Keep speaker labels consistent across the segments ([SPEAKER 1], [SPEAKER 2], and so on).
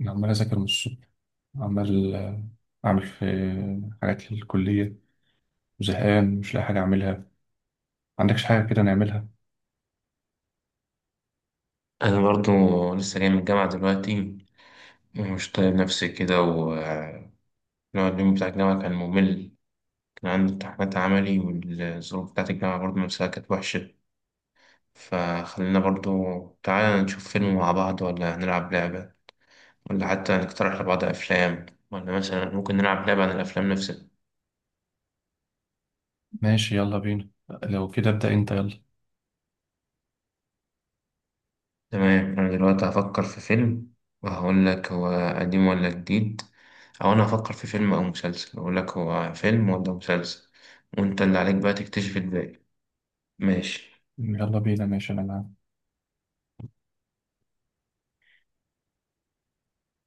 [SPEAKER 1] عمال أذاكر من الصبح عمال أعمل في حاجات للكلية وزهقان مش لاقي حاجة أعملها. عندكش حاجة كده نعملها؟
[SPEAKER 2] أنا برضو لسه جاي من الجامعة دلوقتي ومش طايق نفسي كده ونقعد. اليوم بتاع الجامعة كان ممل، كان عندي امتحانات عملي والظروف بتاعت الجامعة برضو نفسها كانت وحشة. فخلينا برضو تعالى نشوف فيلم مع بعض، ولا هنلعب لعبة، ولا حتى نقترح لبعض أفلام، ولا مثلا ممكن نلعب لعبة عن الأفلام نفسها.
[SPEAKER 1] ماشي، يلا بينا لو كده، ابدأ أنت يلا.
[SPEAKER 2] تمام، أنا دلوقتي هفكر في فيلم وهقول لك هو قديم ولا جديد، أو أنا هفكر في فيلم أو مسلسل أقول لك هو فيلم ولا مسلسل، وأنت اللي عليك بقى تكتشف الباقي. ماشي.
[SPEAKER 1] يلا بينا ماشي، أنا معاك.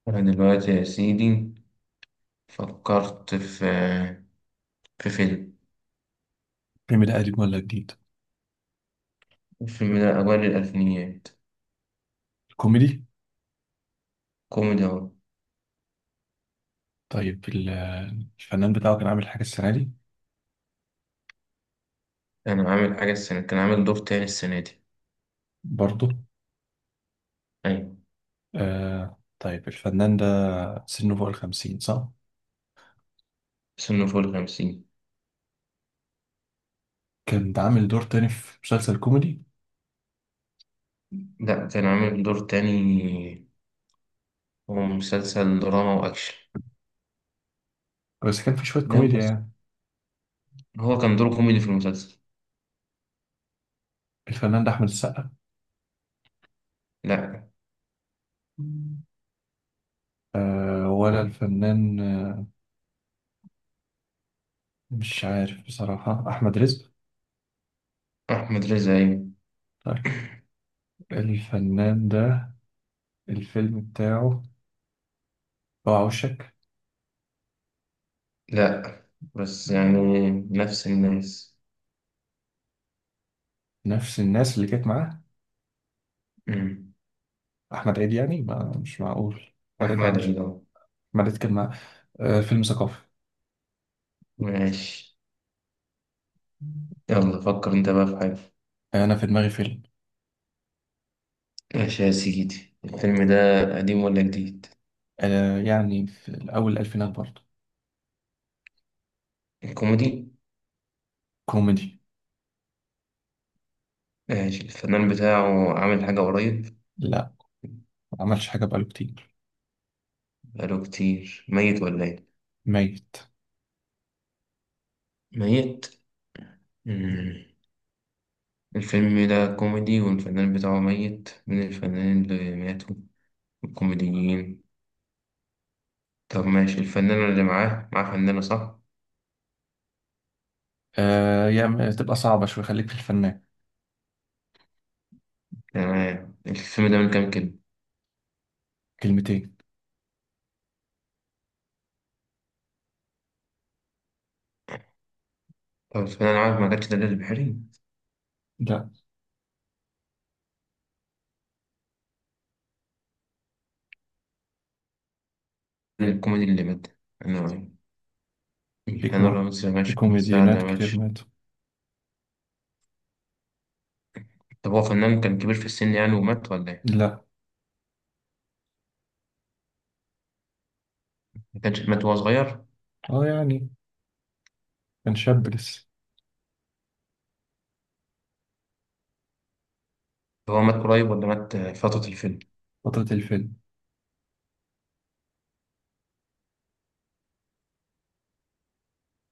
[SPEAKER 2] أنا دلوقتي يا سيدي فكرت في في فيلم.
[SPEAKER 1] الفيلم ده قديم ولا جديد؟
[SPEAKER 2] الفيلم ده أوائل الألفينيات.
[SPEAKER 1] كوميدي؟
[SPEAKER 2] كوميدي أهو.
[SPEAKER 1] طيب الفنان بتاعه كان عامل حاجة السنة دي؟
[SPEAKER 2] أنا عامل حاجة السنة، كان عامل دور تاني السنة دي.
[SPEAKER 1] برضه؟
[SPEAKER 2] أيوة.
[SPEAKER 1] آه طيب الفنان ده سنه فوق الخمسين صح؟
[SPEAKER 2] سنه فوق الخمسين.
[SPEAKER 1] كان ده عامل دور تاني في مسلسل كوميدي؟
[SPEAKER 2] لأ، كان عامل دور تاني، هو مسلسل دراما وأكشن.
[SPEAKER 1] بس كان في شوية
[SPEAKER 2] ده
[SPEAKER 1] كوميديا يعني.
[SPEAKER 2] هو كان دوره كوميدي في المسلسل.
[SPEAKER 1] الفنان ده أحمد السقا؟
[SPEAKER 2] لا.
[SPEAKER 1] آه ولا الفنان، مش عارف بصراحة، أحمد رزق؟
[SPEAKER 2] أحمد رزا أيوة.
[SPEAKER 1] طيب الفنان ده الفيلم بتاعه بقى وشك.
[SPEAKER 2] لا بس
[SPEAKER 1] مم.
[SPEAKER 2] يعني نفس الناس.
[SPEAKER 1] نفس الناس اللي كانت معاه؟
[SPEAKER 2] مم.
[SPEAKER 1] أحمد عيد يعني؟ ما مش معقول، أحمد عيد ما
[SPEAKER 2] أحمد
[SPEAKER 1] عملش.
[SPEAKER 2] عيد أهو.
[SPEAKER 1] أحمد عيد كان معاه؟ آه فيلم ثقافي.
[SPEAKER 2] ماشي،
[SPEAKER 1] مم.
[SPEAKER 2] يلا فكر أنت بقى في حاجة.
[SPEAKER 1] أنا في دماغي فيلم.
[SPEAKER 2] ماشي يا سيدي، الفيلم ده قديم ولا جديد؟
[SPEAKER 1] آه يعني في أول الألفينات برضه.
[SPEAKER 2] الكوميدي.
[SPEAKER 1] كوميدي.
[SPEAKER 2] ماشي، الفنان بتاعه عامل حاجة قريب.
[SPEAKER 1] لا، ما عملش حاجة بقاله كتير.
[SPEAKER 2] بقاله كتير ميت ولا إيه؟
[SPEAKER 1] ميت.
[SPEAKER 2] ميت؟ مم. الفيلم ده كوميدي، والفنان بتاعه ميت من الفنانين اللي ماتوا الكوميديين. طب ماشي، الفنانة اللي معاه معاه فنانة صح؟
[SPEAKER 1] آه يعني تبقى صعبة شوية، خليك في الفنان.
[SPEAKER 2] تمام، الفيلم ده من كام كلمة؟
[SPEAKER 1] كلمتين.
[SPEAKER 2] طب الفنانة عارف ما كانتش دليل البحري؟
[SPEAKER 1] لا.
[SPEAKER 2] الكوميدي اللي مات. أنا،
[SPEAKER 1] في
[SPEAKER 2] هاني
[SPEAKER 1] كو...
[SPEAKER 2] رمزي
[SPEAKER 1] في
[SPEAKER 2] ماشي، محمد سعد
[SPEAKER 1] كوميديانات كتير
[SPEAKER 2] ماشي.
[SPEAKER 1] ماتوا.
[SPEAKER 2] طب هو فنان كان كبير في السن يعني ومات ولا إيه؟
[SPEAKER 1] لا.
[SPEAKER 2] ما كانش مات وهو صغير؟
[SPEAKER 1] اه يعني كان شاب لسه.
[SPEAKER 2] طب هو مات قريب ولا مات فترة الفيلم؟
[SPEAKER 1] فترة الفيلم،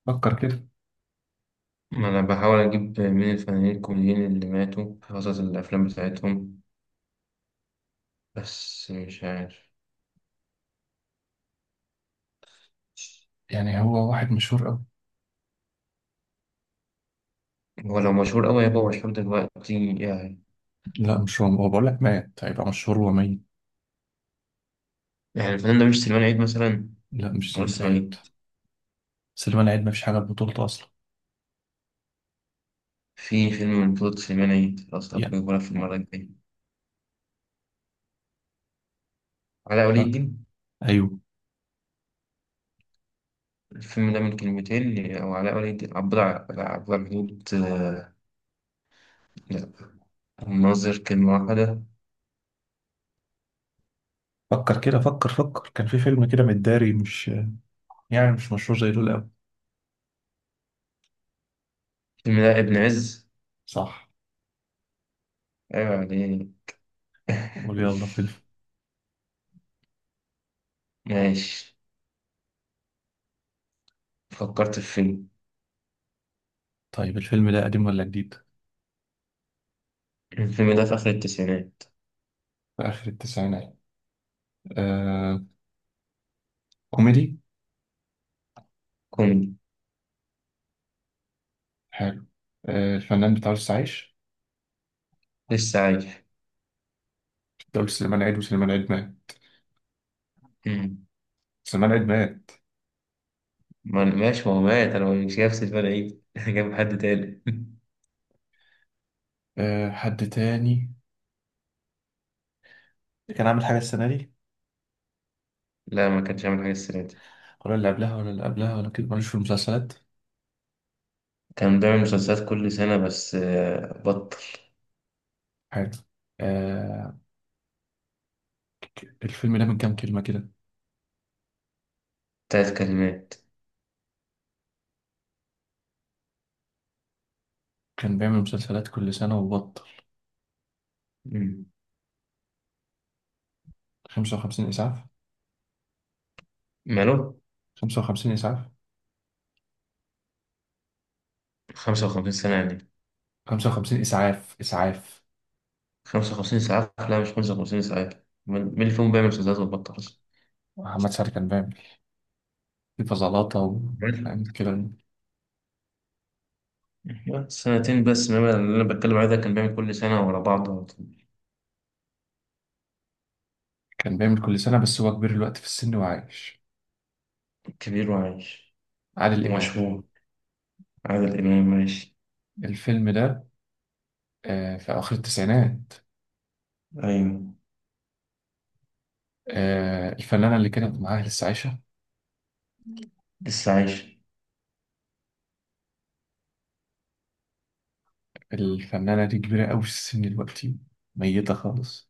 [SPEAKER 1] فكر كده.
[SPEAKER 2] ما أنا بحاول أجيب مين الفنانين الكوميديين اللي ماتوا في فترة الأفلام بتاعتهم، بس مش عارف.
[SPEAKER 1] يعني هو واحد مشهور أوي.
[SPEAKER 2] هو لو مشهور أوي هيبقى مشهور دلوقتي يعني.
[SPEAKER 1] لا مش هو، هو بقول لك مات هيبقى مشهور، هو ميت.
[SPEAKER 2] يعني الفنان ده مش سليمان عيد مثلا.
[SPEAKER 1] لا مش
[SPEAKER 2] ولا
[SPEAKER 1] سليمان
[SPEAKER 2] لسه ما
[SPEAKER 1] عيد.
[SPEAKER 2] جه.
[SPEAKER 1] سليمان عيد ما فيش حاجة ببطولته أصلا.
[SPEAKER 2] في فيلم من بطولة سليمان عيد، خلاص أبو
[SPEAKER 1] يعني.
[SPEAKER 2] يقولها في المرة الجاية. علاء ولي
[SPEAKER 1] لا.
[SPEAKER 2] الدين.
[SPEAKER 1] أيوه.
[SPEAKER 2] الفيلم ده من كلمتين، أو علاء ولي الدين، عبد عبد الحدود لا، الناظر كلمة واحدة.
[SPEAKER 1] فكر كده، فكر فكر، كان في فيلم كده متداري، مش يعني مش مشهور زي دول أوي.
[SPEAKER 2] الفيلم ده ابن عز.
[SPEAKER 1] صح.
[SPEAKER 2] أيوة عليه.
[SPEAKER 1] قول يلا فيلم.
[SPEAKER 2] ماشي، فكرت في فيلم.
[SPEAKER 1] طيب الفيلم ده قديم ولا جديد؟
[SPEAKER 2] الفيلم ده في آخر التسعينات.
[SPEAKER 1] في آخر التسعينات؟ آه. كوميدي؟
[SPEAKER 2] كوميدي.
[SPEAKER 1] حلو. آه الفنان بتاع عايش؟
[SPEAKER 2] لسه عايش.
[SPEAKER 1] ده قلت سليمان عيد وسليمان عيد مات.
[SPEAKER 2] مم.
[SPEAKER 1] سليمان عيد مات.
[SPEAKER 2] ماشي، ما هو مات، أنا مش نفس الفرق إيه جاب حد تاني
[SPEAKER 1] آه حد تاني اللي كان عامل حاجة السنة دي؟
[SPEAKER 2] لا ما كانش عامل حاجة السنة دي.
[SPEAKER 1] ولا اللي قبلها ولا اللي قبلها ولا كده، ماليش في المسلسلات.
[SPEAKER 2] كان بيعمل مسلسلات كل سنة بس بطل.
[SPEAKER 1] حلو. آه. الفيلم ده من كام كلمة كده؟
[SPEAKER 2] تلات كلمات.
[SPEAKER 1] كان بيعمل مسلسلات كل سنة وبطل.
[SPEAKER 2] مم.
[SPEAKER 1] 55 إسعاف.
[SPEAKER 2] ماله؟
[SPEAKER 1] 55 إسعاف.
[SPEAKER 2] خمسة وخمسين سنة يعني.
[SPEAKER 1] 55 إسعاف، إسعاف.
[SPEAKER 2] خمسة وخمسين ساعة، لا مش خمسة وخمسين ساعة. مين اللي فيهم بيعمل مسدسات وبطل أصلا؟
[SPEAKER 1] محمد سعد كان بيعمل في فزلاطة
[SPEAKER 2] بل-
[SPEAKER 1] يعني كده.
[SPEAKER 2] سنتين بس، إنما اللي أنا بتكلم عليه ده كان بيعمل كل سنة ورا بعض.
[SPEAKER 1] كان بيعمل كل سنة، بس هو كبير الوقت في السن وعايش.
[SPEAKER 2] كبير وعايش.
[SPEAKER 1] عادل إمام.
[SPEAKER 2] ومشهور. عادل إمام ماشي.
[SPEAKER 1] الفيلم ده آه في آخر التسعينات.
[SPEAKER 2] أيوة.
[SPEAKER 1] آه الفنانة اللي كانت معاه لسه عايشة؟
[SPEAKER 2] لسه عايش.
[SPEAKER 1] الفنانة دي كبيرة أوي في السن دلوقتي، ميتة خالص.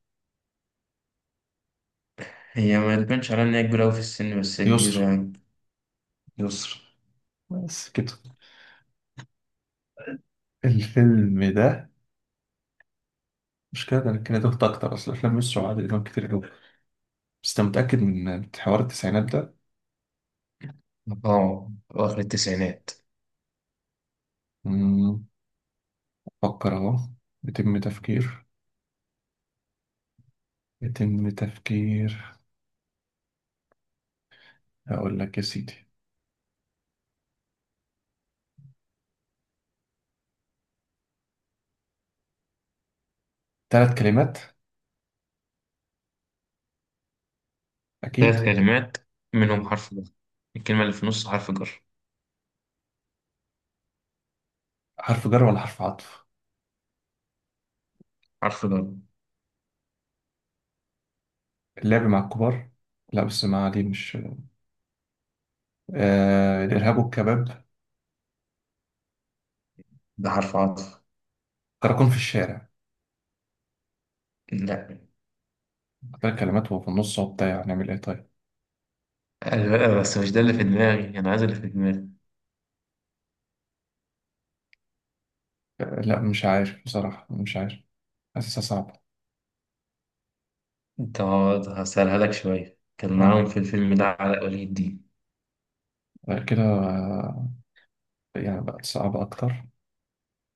[SPEAKER 2] هي ما تبانش عليها إن هي كبيرة أوي في السن، بس هي كبيرة
[SPEAKER 1] يسرا.
[SPEAKER 2] يعني. يسر.
[SPEAKER 1] بس كده الفيلم ده؟ مش كده ده، أنا كان دخت اكتر، اصل افلام يسرا وعادل امام كتير قوي. بس انت متاكد من حوار التسعينات ده؟
[SPEAKER 2] أه، أواخر التسعينات.
[SPEAKER 1] مم، فكر اهو. يتم تفكير، يتم تفكير. اقول لك يا سيدي، ثلاث كلمات
[SPEAKER 2] ثلاث
[SPEAKER 1] اكيد.
[SPEAKER 2] كلمات، منهم حرف جر. الكلمة اللي في النص حرف جر.
[SPEAKER 1] حرف جر ولا حرف عطف؟
[SPEAKER 2] حرف جر.
[SPEAKER 1] اللعب مع الكبار؟ لا بس ما دي مش. آه الارهاب والكباب؟
[SPEAKER 2] ده حرف عطف.
[SPEAKER 1] كراكون في الشارع؟
[SPEAKER 2] لا.
[SPEAKER 1] ثلاث كلمات وهو في النص وبتاع، نعمل ايه طيب.
[SPEAKER 2] بس مش ده اللي في دماغي، أنا عايز اللي في دماغي.
[SPEAKER 1] لا مش عارف بصراحه، مش عارف، حاسسها صعبه.
[SPEAKER 2] أنت، هسألها لك شوية. كان معاهم
[SPEAKER 1] اه.
[SPEAKER 2] في الفيلم ده علاء ولي الدين.
[SPEAKER 1] غير كده؟ يعني بقت صعبة أكتر.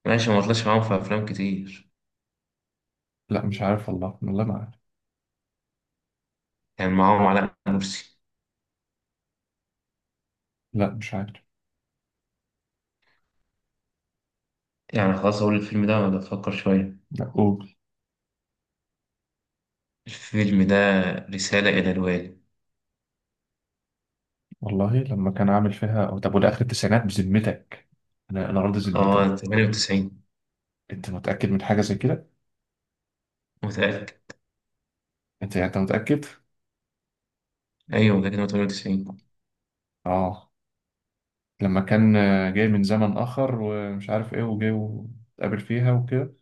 [SPEAKER 2] ماشي. ما طلعش معاهم في أفلام كتير.
[SPEAKER 1] لا مش عارف والله، والله ما عارف.
[SPEAKER 2] كان معاهم علاء مرسي.
[SPEAKER 1] لا مش عارف.
[SPEAKER 2] يعني خلاص أقول الفيلم ده ولا أفكر شوية.
[SPEAKER 1] لا قول.
[SPEAKER 2] الفيلم ده رسالة إلى الوالي.
[SPEAKER 1] والله لما كان عامل فيها، أو طب وده آخر التسعينات بذمتك؟ أنا راضي ذمتك.
[SPEAKER 2] آه، 98.
[SPEAKER 1] أنت متأكد من حاجة زي كده؟
[SPEAKER 2] متأكد.
[SPEAKER 1] أنت متأكد؟
[SPEAKER 2] أيوة متأكد إن هو 98.
[SPEAKER 1] آه لما كان جاي من زمن آخر ومش عارف إيه وجاي واتقابل فيها وكده.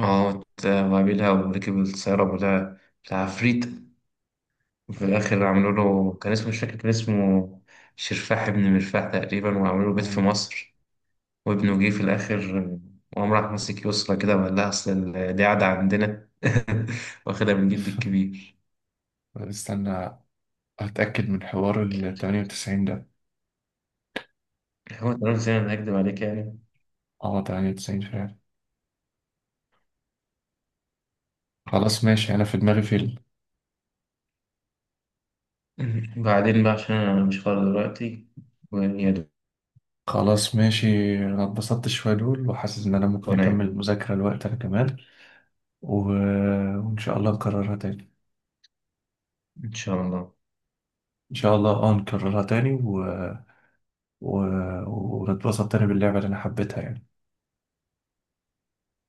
[SPEAKER 2] آه وقابلها وركب السيارة، ولا العفريت في
[SPEAKER 1] أيوه.
[SPEAKER 2] الآخر عملوا له، كان اسمه مش فاكر، كان اسمه شرفاح ابن مرفاح تقريبا، وعملوا له بيت في
[SPEAKER 1] أمم.
[SPEAKER 2] مصر. وابنه جه في الآخر، وقام راح ماسك يسرى كده وقال لها أصل دي عادة عندنا، واخدها من جدي الكبير.
[SPEAKER 1] استنى أتأكد من حوار ال 98 ده.
[SPEAKER 2] هو تمام، زي ما أنا هكدب عليك يعني.
[SPEAKER 1] آه 98 فعلا. خلاص ماشي أنا في دماغي فيلم.
[SPEAKER 2] بعدين بقى عشان أنا مش فاضي دلوقتي، ويا دوب
[SPEAKER 1] خلاص ماشي، انا اتبسطت شوية، دول وحاسس ان انا ممكن اكمل
[SPEAKER 2] وأنام.
[SPEAKER 1] المذاكرة الوقت، انا كمان و... وان شاء الله نكررها تاني.
[SPEAKER 2] إن شاء الله.
[SPEAKER 1] ان شاء الله اه نكررها تاني و... ونتبسط تاني باللعبة اللي انا حبيتها يعني.